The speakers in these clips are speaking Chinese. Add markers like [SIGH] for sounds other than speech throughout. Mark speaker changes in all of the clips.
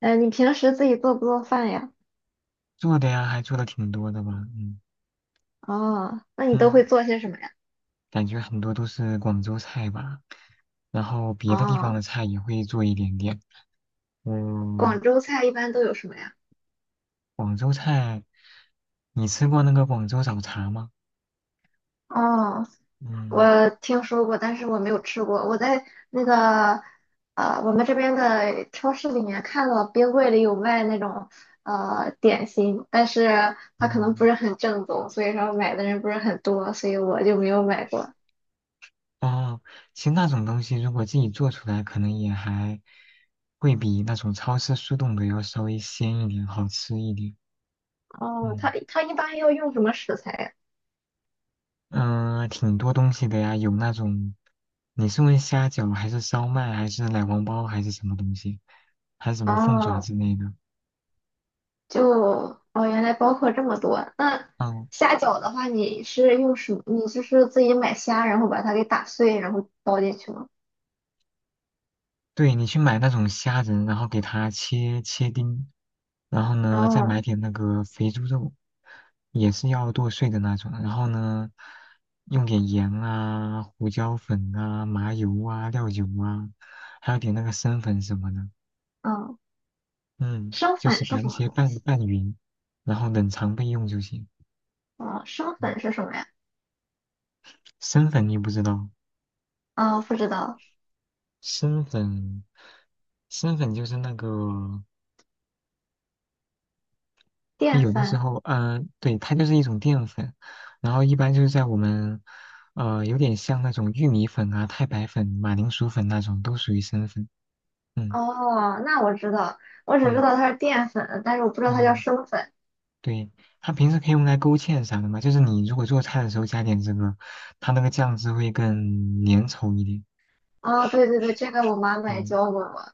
Speaker 1: 你平时自己做不做饭呀？
Speaker 2: 做的呀，还做的挺多的吧，嗯
Speaker 1: 哦，那你都
Speaker 2: 嗯，
Speaker 1: 会做些什么呀？
Speaker 2: 感觉很多都是广州菜吧，然后别的地方
Speaker 1: 哦，
Speaker 2: 的菜也会做一点点。嗯，
Speaker 1: 广州菜一般都有什么呀？
Speaker 2: 广州菜，你吃过那个广州早茶吗？
Speaker 1: 哦，
Speaker 2: 嗯。
Speaker 1: 我听说过，但是我没有吃过。我在那个我们这边的超市里面看到冰柜里有卖那种点心，但是它可
Speaker 2: 哦。
Speaker 1: 能不是很正宗，所以说买的人不是很多，所以我就没有买过。
Speaker 2: 哦。其实那种东西如果自己做出来，可能也还会比那种超市速冻的要稍微鲜一点，好吃一点。
Speaker 1: 哦，它
Speaker 2: 嗯。
Speaker 1: 它一般要用什么食材呀？
Speaker 2: 挺多东西的呀，有那种，你是问虾饺还是烧麦还是奶黄包还是什么东西，还是什么凤爪
Speaker 1: 哦。
Speaker 2: 之类的？
Speaker 1: 就哦，原来包括这么多。那
Speaker 2: 嗯，
Speaker 1: 虾饺的话，你是用什么？你就是自己买虾，然后把它给打碎，然后包进去吗？
Speaker 2: 对，你去买那种虾仁，然后给它切切丁，然后呢再买
Speaker 1: 哦，
Speaker 2: 点那个肥猪肉，也是要剁碎的那种，然后呢用点盐啊、胡椒粉啊、麻油啊、料酒啊，还有点那个生粉什么的。
Speaker 1: 嗯，
Speaker 2: 嗯，
Speaker 1: 生
Speaker 2: 就是
Speaker 1: 粉是
Speaker 2: 把
Speaker 1: 什
Speaker 2: 这
Speaker 1: 么
Speaker 2: 些
Speaker 1: 东
Speaker 2: 拌
Speaker 1: 西？
Speaker 2: 拌匀，然后冷藏备用就行。
Speaker 1: 哦，生
Speaker 2: 嗯，
Speaker 1: 粉是什么呀？
Speaker 2: 生粉你不知道，
Speaker 1: 哦，不知道。
Speaker 2: 生粉，生粉就是那个，就
Speaker 1: 淀
Speaker 2: 有的时
Speaker 1: 粉。
Speaker 2: 候，嗯，对，它就是一种淀粉，然后一般就是在我们，有点像那种玉米粉啊、太白粉、马铃薯粉那种，都属于生粉。嗯，
Speaker 1: 哦，那我知道，我只知
Speaker 2: 对，
Speaker 1: 道它是淀粉，但是我不知道它叫
Speaker 2: 哦，
Speaker 1: 生粉。
Speaker 2: 对，它平时可以用来勾芡啥的嘛，就是你如果做菜的时候加点这个，它那个酱汁会更粘稠一点。
Speaker 1: 哦，对对对，这个我妈妈也
Speaker 2: 嗯。
Speaker 1: 教过我。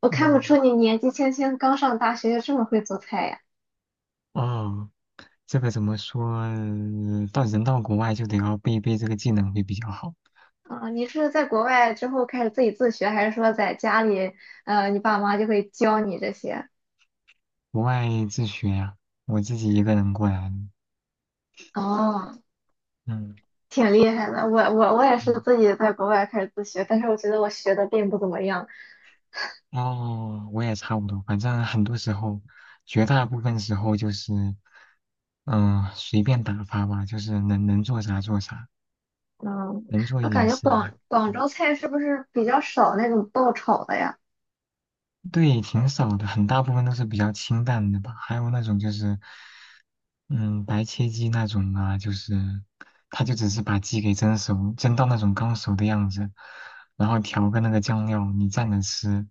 Speaker 1: 我看不
Speaker 2: 哦，
Speaker 1: 出你年纪轻轻刚上大学就这么会做菜呀。
Speaker 2: 哦，这个怎么说？到国外就得要背一背这个技能会比较好。
Speaker 1: 啊，你是在国外之后开始自己自学，还是说在家里，你爸妈就会教你这些？
Speaker 2: 国外自学呀、我自己一个人过来的。
Speaker 1: 哦，
Speaker 2: 嗯
Speaker 1: 挺厉害的。我也是
Speaker 2: 嗯，
Speaker 1: 自己在国外开始自学，但是我觉得我学的并不怎么样。
Speaker 2: 哦，我也差不多。反正很多时候，绝大部分时候就是，随便打发吧，就是能做啥做啥，
Speaker 1: 嗯，
Speaker 2: 能做一
Speaker 1: 那
Speaker 2: 点
Speaker 1: 感觉
Speaker 2: 是一
Speaker 1: 广
Speaker 2: 点。
Speaker 1: 广州菜是不是比较少那种爆炒的呀？
Speaker 2: 对，挺少的，很大部分都是比较清淡的吧。还有那种就是。嗯，白切鸡那种啊，就是他就只是把鸡给蒸熟，蒸到那种刚熟的样子，然后调个那个酱料，你蘸着吃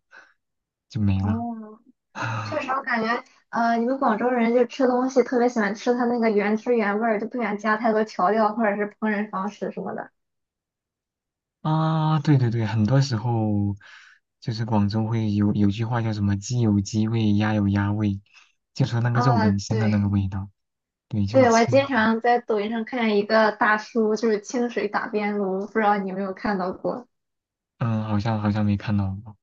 Speaker 2: 就没了。
Speaker 1: 哦，确实，
Speaker 2: [SIGHS]
Speaker 1: 我感觉，你们广州人就吃东西特别喜欢吃它那个原汁原味儿，就不喜欢加太多调料或者是烹饪方式什么的。
Speaker 2: 啊，对对对，很多时候就是广州会有句话叫什么“鸡有鸡味，鸭有鸭味”，就说那个肉
Speaker 1: 啊，
Speaker 2: 本身的那个
Speaker 1: 对，
Speaker 2: 味道。对，就是
Speaker 1: 对，我还
Speaker 2: 吃，
Speaker 1: 经常在抖音上看见一个大叔，就是清水打边炉，不知道你有没有看到过？
Speaker 2: 嗯，好像没看到过。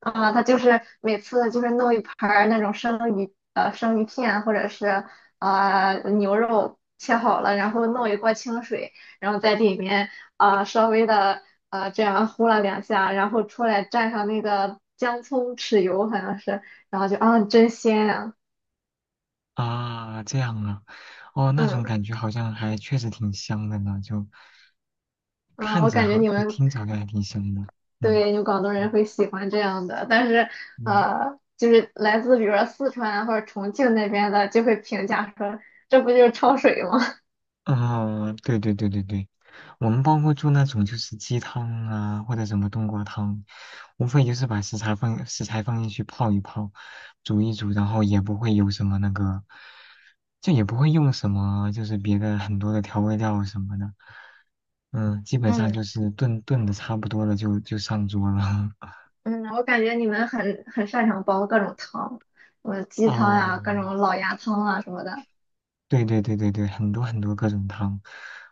Speaker 1: 他就是每次就是弄一盘儿那种生鱼，生鱼片或者是啊牛肉切好了，然后弄一锅清水，然后在里面稍微这样呼了两下，然后出来蘸上那个姜葱豉油好像是，然后就啊真鲜啊，
Speaker 2: 啊，这样啊，哦，那种
Speaker 1: 嗯
Speaker 2: 感觉好像还确实挺香的呢，就
Speaker 1: 嗯，
Speaker 2: 看
Speaker 1: 我
Speaker 2: 着
Speaker 1: 感觉
Speaker 2: 好，
Speaker 1: 你
Speaker 2: 就
Speaker 1: 们
Speaker 2: 听着好像还挺香的，嗯。
Speaker 1: 对，有广东人
Speaker 2: 嗯
Speaker 1: 会喜欢这样的，但是
Speaker 2: 嗯
Speaker 1: 就是来自比如说四川或者重庆那边的，就会评价说这不就是焯水吗？
Speaker 2: 哦，对对对对对，我们包括做那种就是鸡汤啊，或者什么冬瓜汤，无非就是把食材放进去泡一泡，煮一煮，然后也不会有什么那个，就也不会用什么就是别的很多的调味料什么的，基
Speaker 1: [LAUGHS]
Speaker 2: 本上
Speaker 1: 嗯
Speaker 2: 就是炖炖的差不多了就上桌了。[LAUGHS]
Speaker 1: 嗯，我感觉你们很擅长煲各种汤，什么鸡汤呀、
Speaker 2: 哦，
Speaker 1: 各种老鸭汤啊什么的。
Speaker 2: 对对对对对，很多很多各种汤，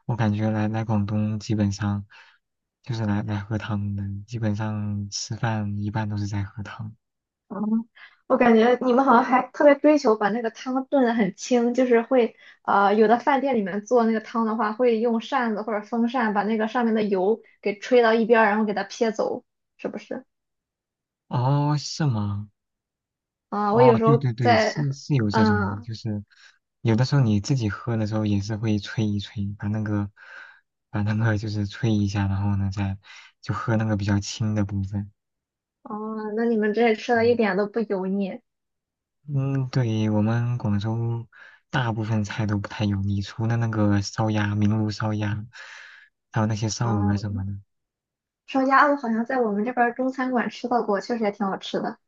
Speaker 2: 我感觉来广东基本上就是来喝汤的，基本上吃饭一般都是在喝汤。
Speaker 1: 嗯，我感觉你们好像还特别追求把那个汤炖得很清，就是会有的饭店里面做那个汤的话，会用扇子或者风扇把那个上面的油给吹到一边儿，然后给它撇走，是不是？
Speaker 2: 哦，是吗？
Speaker 1: 啊，我有
Speaker 2: 哦，
Speaker 1: 时
Speaker 2: 对
Speaker 1: 候
Speaker 2: 对对，
Speaker 1: 在，
Speaker 2: 是有这种的，
Speaker 1: 嗯，
Speaker 2: 就是有的时候你自己喝的时候也是会吹一吹，把那个就是吹一下，然后呢再就喝那个比较清的部分。
Speaker 1: 哦，那你们这里吃的一
Speaker 2: 嗯
Speaker 1: 点都不油腻。
Speaker 2: 嗯，对，我们广州大部分菜都不太油腻，除了那个烧鸭、明炉烧鸭，还有那些烧鹅什么
Speaker 1: 嗯，
Speaker 2: 的。
Speaker 1: 烧鸭子好像在我们这边儿中餐馆吃到过，确实也挺好吃的。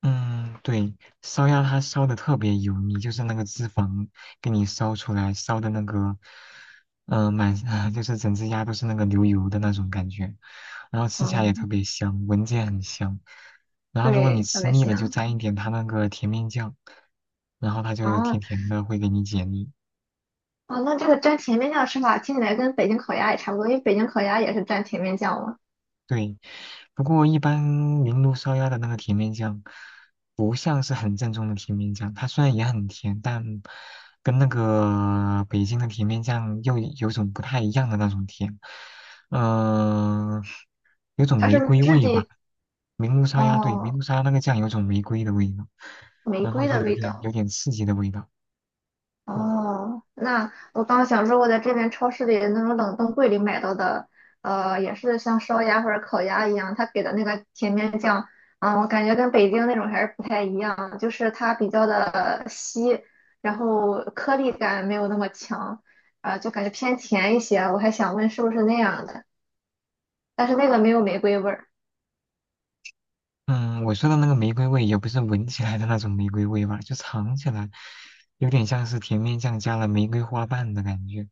Speaker 2: 嗯，对，烧鸭它烧的特别油腻，就是那个脂肪给你烧出来，烧的那个，满，[LAUGHS] 就是整只鸭都是那个流油的那种感觉，然后吃起来也特
Speaker 1: 嗯，
Speaker 2: 别香，闻着也很香。然后如果你
Speaker 1: 对，特
Speaker 2: 吃
Speaker 1: 别
Speaker 2: 腻了，就
Speaker 1: 香。
Speaker 2: 沾一点它那个甜面酱，然后它就
Speaker 1: 啊，
Speaker 2: 甜
Speaker 1: 后，
Speaker 2: 甜的，会给你解腻。
Speaker 1: 哦，那这个蘸甜面酱的吃法听起来跟北京烤鸭也差不多，因为北京烤鸭也是蘸甜面酱嘛。
Speaker 2: 对，不过一般明炉烧鸭的那个甜面酱，不像是很正宗的甜面酱。它虽然也很甜，但跟那个北京的甜面酱又有种不太一样的那种甜，嗯、有种
Speaker 1: 它是
Speaker 2: 玫
Speaker 1: 不是
Speaker 2: 瑰
Speaker 1: 质
Speaker 2: 味吧。
Speaker 1: 地，
Speaker 2: 明炉烧鸭，对，明
Speaker 1: 哦，
Speaker 2: 炉烧鸭那个酱有种玫瑰的味道，
Speaker 1: 玫
Speaker 2: 然后
Speaker 1: 瑰
Speaker 2: 就
Speaker 1: 的
Speaker 2: 有
Speaker 1: 味
Speaker 2: 点
Speaker 1: 道？
Speaker 2: 有点刺激的味道。嗯。
Speaker 1: 哦，那我刚想说，我在这边超市里的那种冷冻柜里买到的，也是像烧鸭或者烤鸭一样，它给的那个甜面酱，我感觉跟北京那种还是不太一样，就是它比较的稀，然后颗粒感没有那么强，就感觉偏甜一些。我还想问是不是那样的，但是那个没有玫瑰味儿，
Speaker 2: 嗯，我说的那个玫瑰味也不是闻起来的那种玫瑰味吧，就尝起来有点像是甜面酱加了玫瑰花瓣的感觉。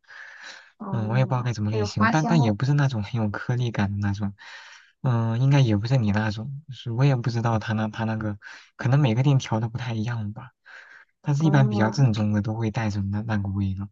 Speaker 2: 我也不知道
Speaker 1: 哦，
Speaker 2: 该怎么给
Speaker 1: 只
Speaker 2: 你
Speaker 1: 有
Speaker 2: 形容，
Speaker 1: 花
Speaker 2: 但
Speaker 1: 香
Speaker 2: 但
Speaker 1: 味
Speaker 2: 也
Speaker 1: 儿
Speaker 2: 不是那种很有颗粒感的那种。应该也不是你那种，是我也不知道他那个，可能每个店调的不太一样吧。但是一般比较
Speaker 1: 哦，
Speaker 2: 正宗的都会带着那个味道。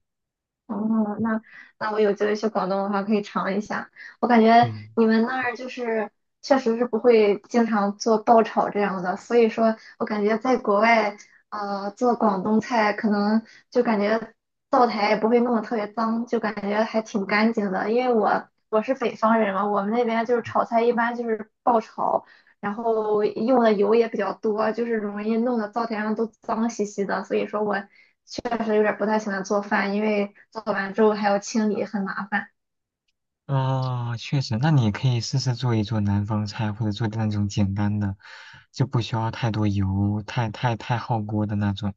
Speaker 1: 哦，那那我有机会去广东的话，可以尝一下。我感觉
Speaker 2: 嗯。
Speaker 1: 你们那儿就是确实是不会经常做爆炒这样的，所以说我感觉在国外，做广东菜可能就感觉灶台也不会弄得特别脏，就感觉还挺干净的。因为我是北方人嘛，我们那边就是炒菜一般就是爆炒，然后用的油也比较多，就是容易弄得灶台上都脏兮兮的。所以说我确实有点不太喜欢做饭，因为做完之后还要清理，很麻烦。
Speaker 2: 啊，确实，那你可以试试做一做南方菜，或者做那种简单的，就不需要太多油、太耗锅的那种。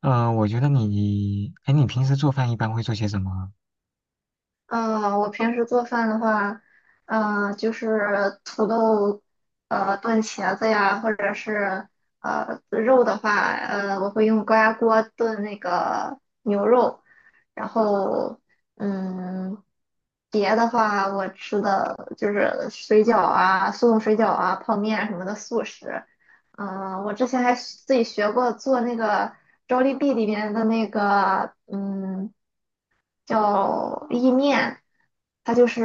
Speaker 2: 我觉得你，哎，你平时做饭一般会做些什么？
Speaker 1: 嗯，我平时做饭的话，嗯，就是土豆，炖茄子呀，或者是肉的话，我会用高压锅炖那个牛肉，然后嗯，别的话，我吃的就是水饺啊、速冻水饺啊、泡面什么的速食。嗯，我之前还自己学过做那个 JOLB 里面的那个嗯。叫意面，它就是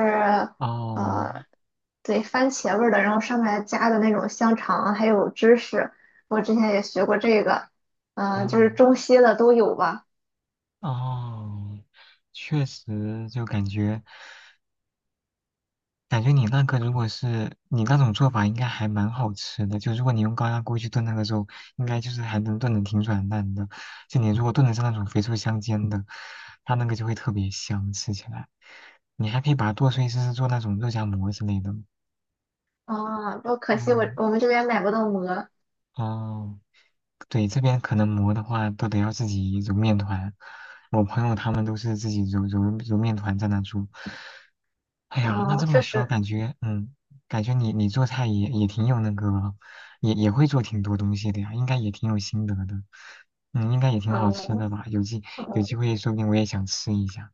Speaker 2: 哦，
Speaker 1: 呃，对，番茄味儿的，然后上面加的那种香肠还有芝士，我之前也学过这个，就是
Speaker 2: 哦，
Speaker 1: 中西的都有吧，
Speaker 2: 哦，确实，就感觉。感觉你那个如果是你那种做法，应该还蛮好吃的。就如果你用高压锅去炖那个肉，应该就是还能炖的挺软烂的。就你如果炖的是那种肥瘦相间的，它那个就会特别香，吃起来。你还可以把它剁碎，试试做那种肉夹馍之类的。
Speaker 1: 不过可惜我
Speaker 2: 嗯，
Speaker 1: 我们这边买不到馍，
Speaker 2: 哦。对，这边可能磨的话都得要自己揉面团，我朋友他们都是自己揉面团在那做。哎呀，那
Speaker 1: 嗯、
Speaker 2: 这么
Speaker 1: 确
Speaker 2: 说
Speaker 1: 实，
Speaker 2: 感觉你做菜也挺有那个，也会做挺多东西的呀，应该也挺有心得的，应该也挺好吃
Speaker 1: 嗯
Speaker 2: 的吧？有机
Speaker 1: 嗯，
Speaker 2: 会说不定我也想吃一下。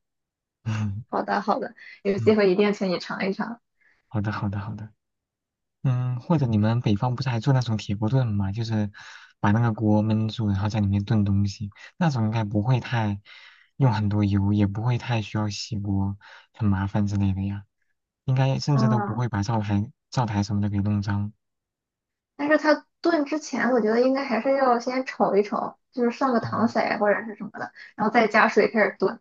Speaker 2: [LAUGHS] 嗯
Speaker 1: 好的好的，有机
Speaker 2: 嗯，
Speaker 1: 会一定请你尝一尝，
Speaker 2: 好的好的好的。或者你们北方不是还做那种铁锅炖嘛，就是把那个锅焖住，然后在里面炖东西，那种应该不会太用很多油，也不会太需要洗锅，很麻烦之类的呀。应该甚至都不
Speaker 1: 嗯，
Speaker 2: 会把灶台什么的给弄脏。
Speaker 1: 但是它炖之前，我觉得应该还是要先炒一炒，就是上个
Speaker 2: 哦
Speaker 1: 糖色呀或者是什么的，然后再加水开始炖。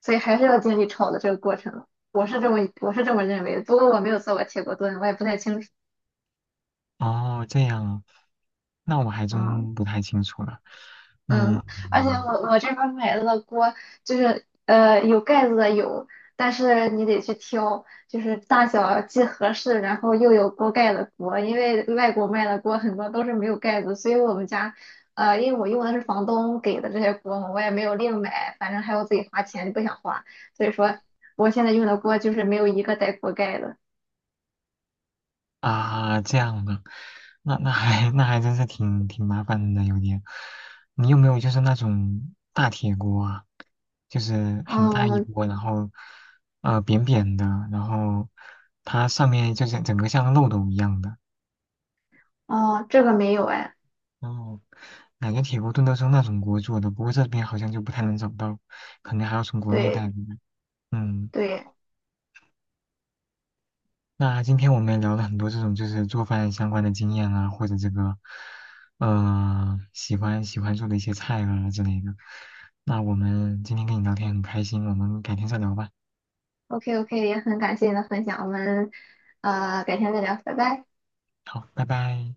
Speaker 1: 所以还是要经历炒的这个过程。我是这么认为的，不过我没有做过铁锅炖，我也不太清楚。
Speaker 2: 哦，这样啊，那我还
Speaker 1: 嗯
Speaker 2: 真不太清楚了。嗯，
Speaker 1: 嗯，而且我这边买的锅就是有盖子的有，但是你得去挑，就是大小既合适，然后又有锅盖的锅，因为外国卖的锅很多都是没有盖子，所以我们家因为我用的是房东给的这些锅嘛，我也没有另买，反正还要自己花钱，不想花，所以说我现在用的锅就是没有一个带锅盖的。
Speaker 2: 啊，这样的，那还真是挺麻烦的，有点。你有没有就是那种大铁锅啊？就是很大一
Speaker 1: 嗯，
Speaker 2: 锅，然后扁扁的，然后它上面就是整个像漏斗一样的。
Speaker 1: 哦，这个没有哎，
Speaker 2: 然后感觉铁锅炖都是用那种锅做的，不过这边好像就不太能找到，可能还要从国内
Speaker 1: 对
Speaker 2: 带过来。嗯。
Speaker 1: 对
Speaker 2: 那今天我们也聊了很多这种就是做饭相关的经验啊，或者这个，喜欢做的一些菜啊之类的。那我们今天跟你聊天很开心，我们改天再聊吧。
Speaker 1: ，OK OK,也很感谢你的分享，我们改天再聊，拜拜。
Speaker 2: 好，拜拜。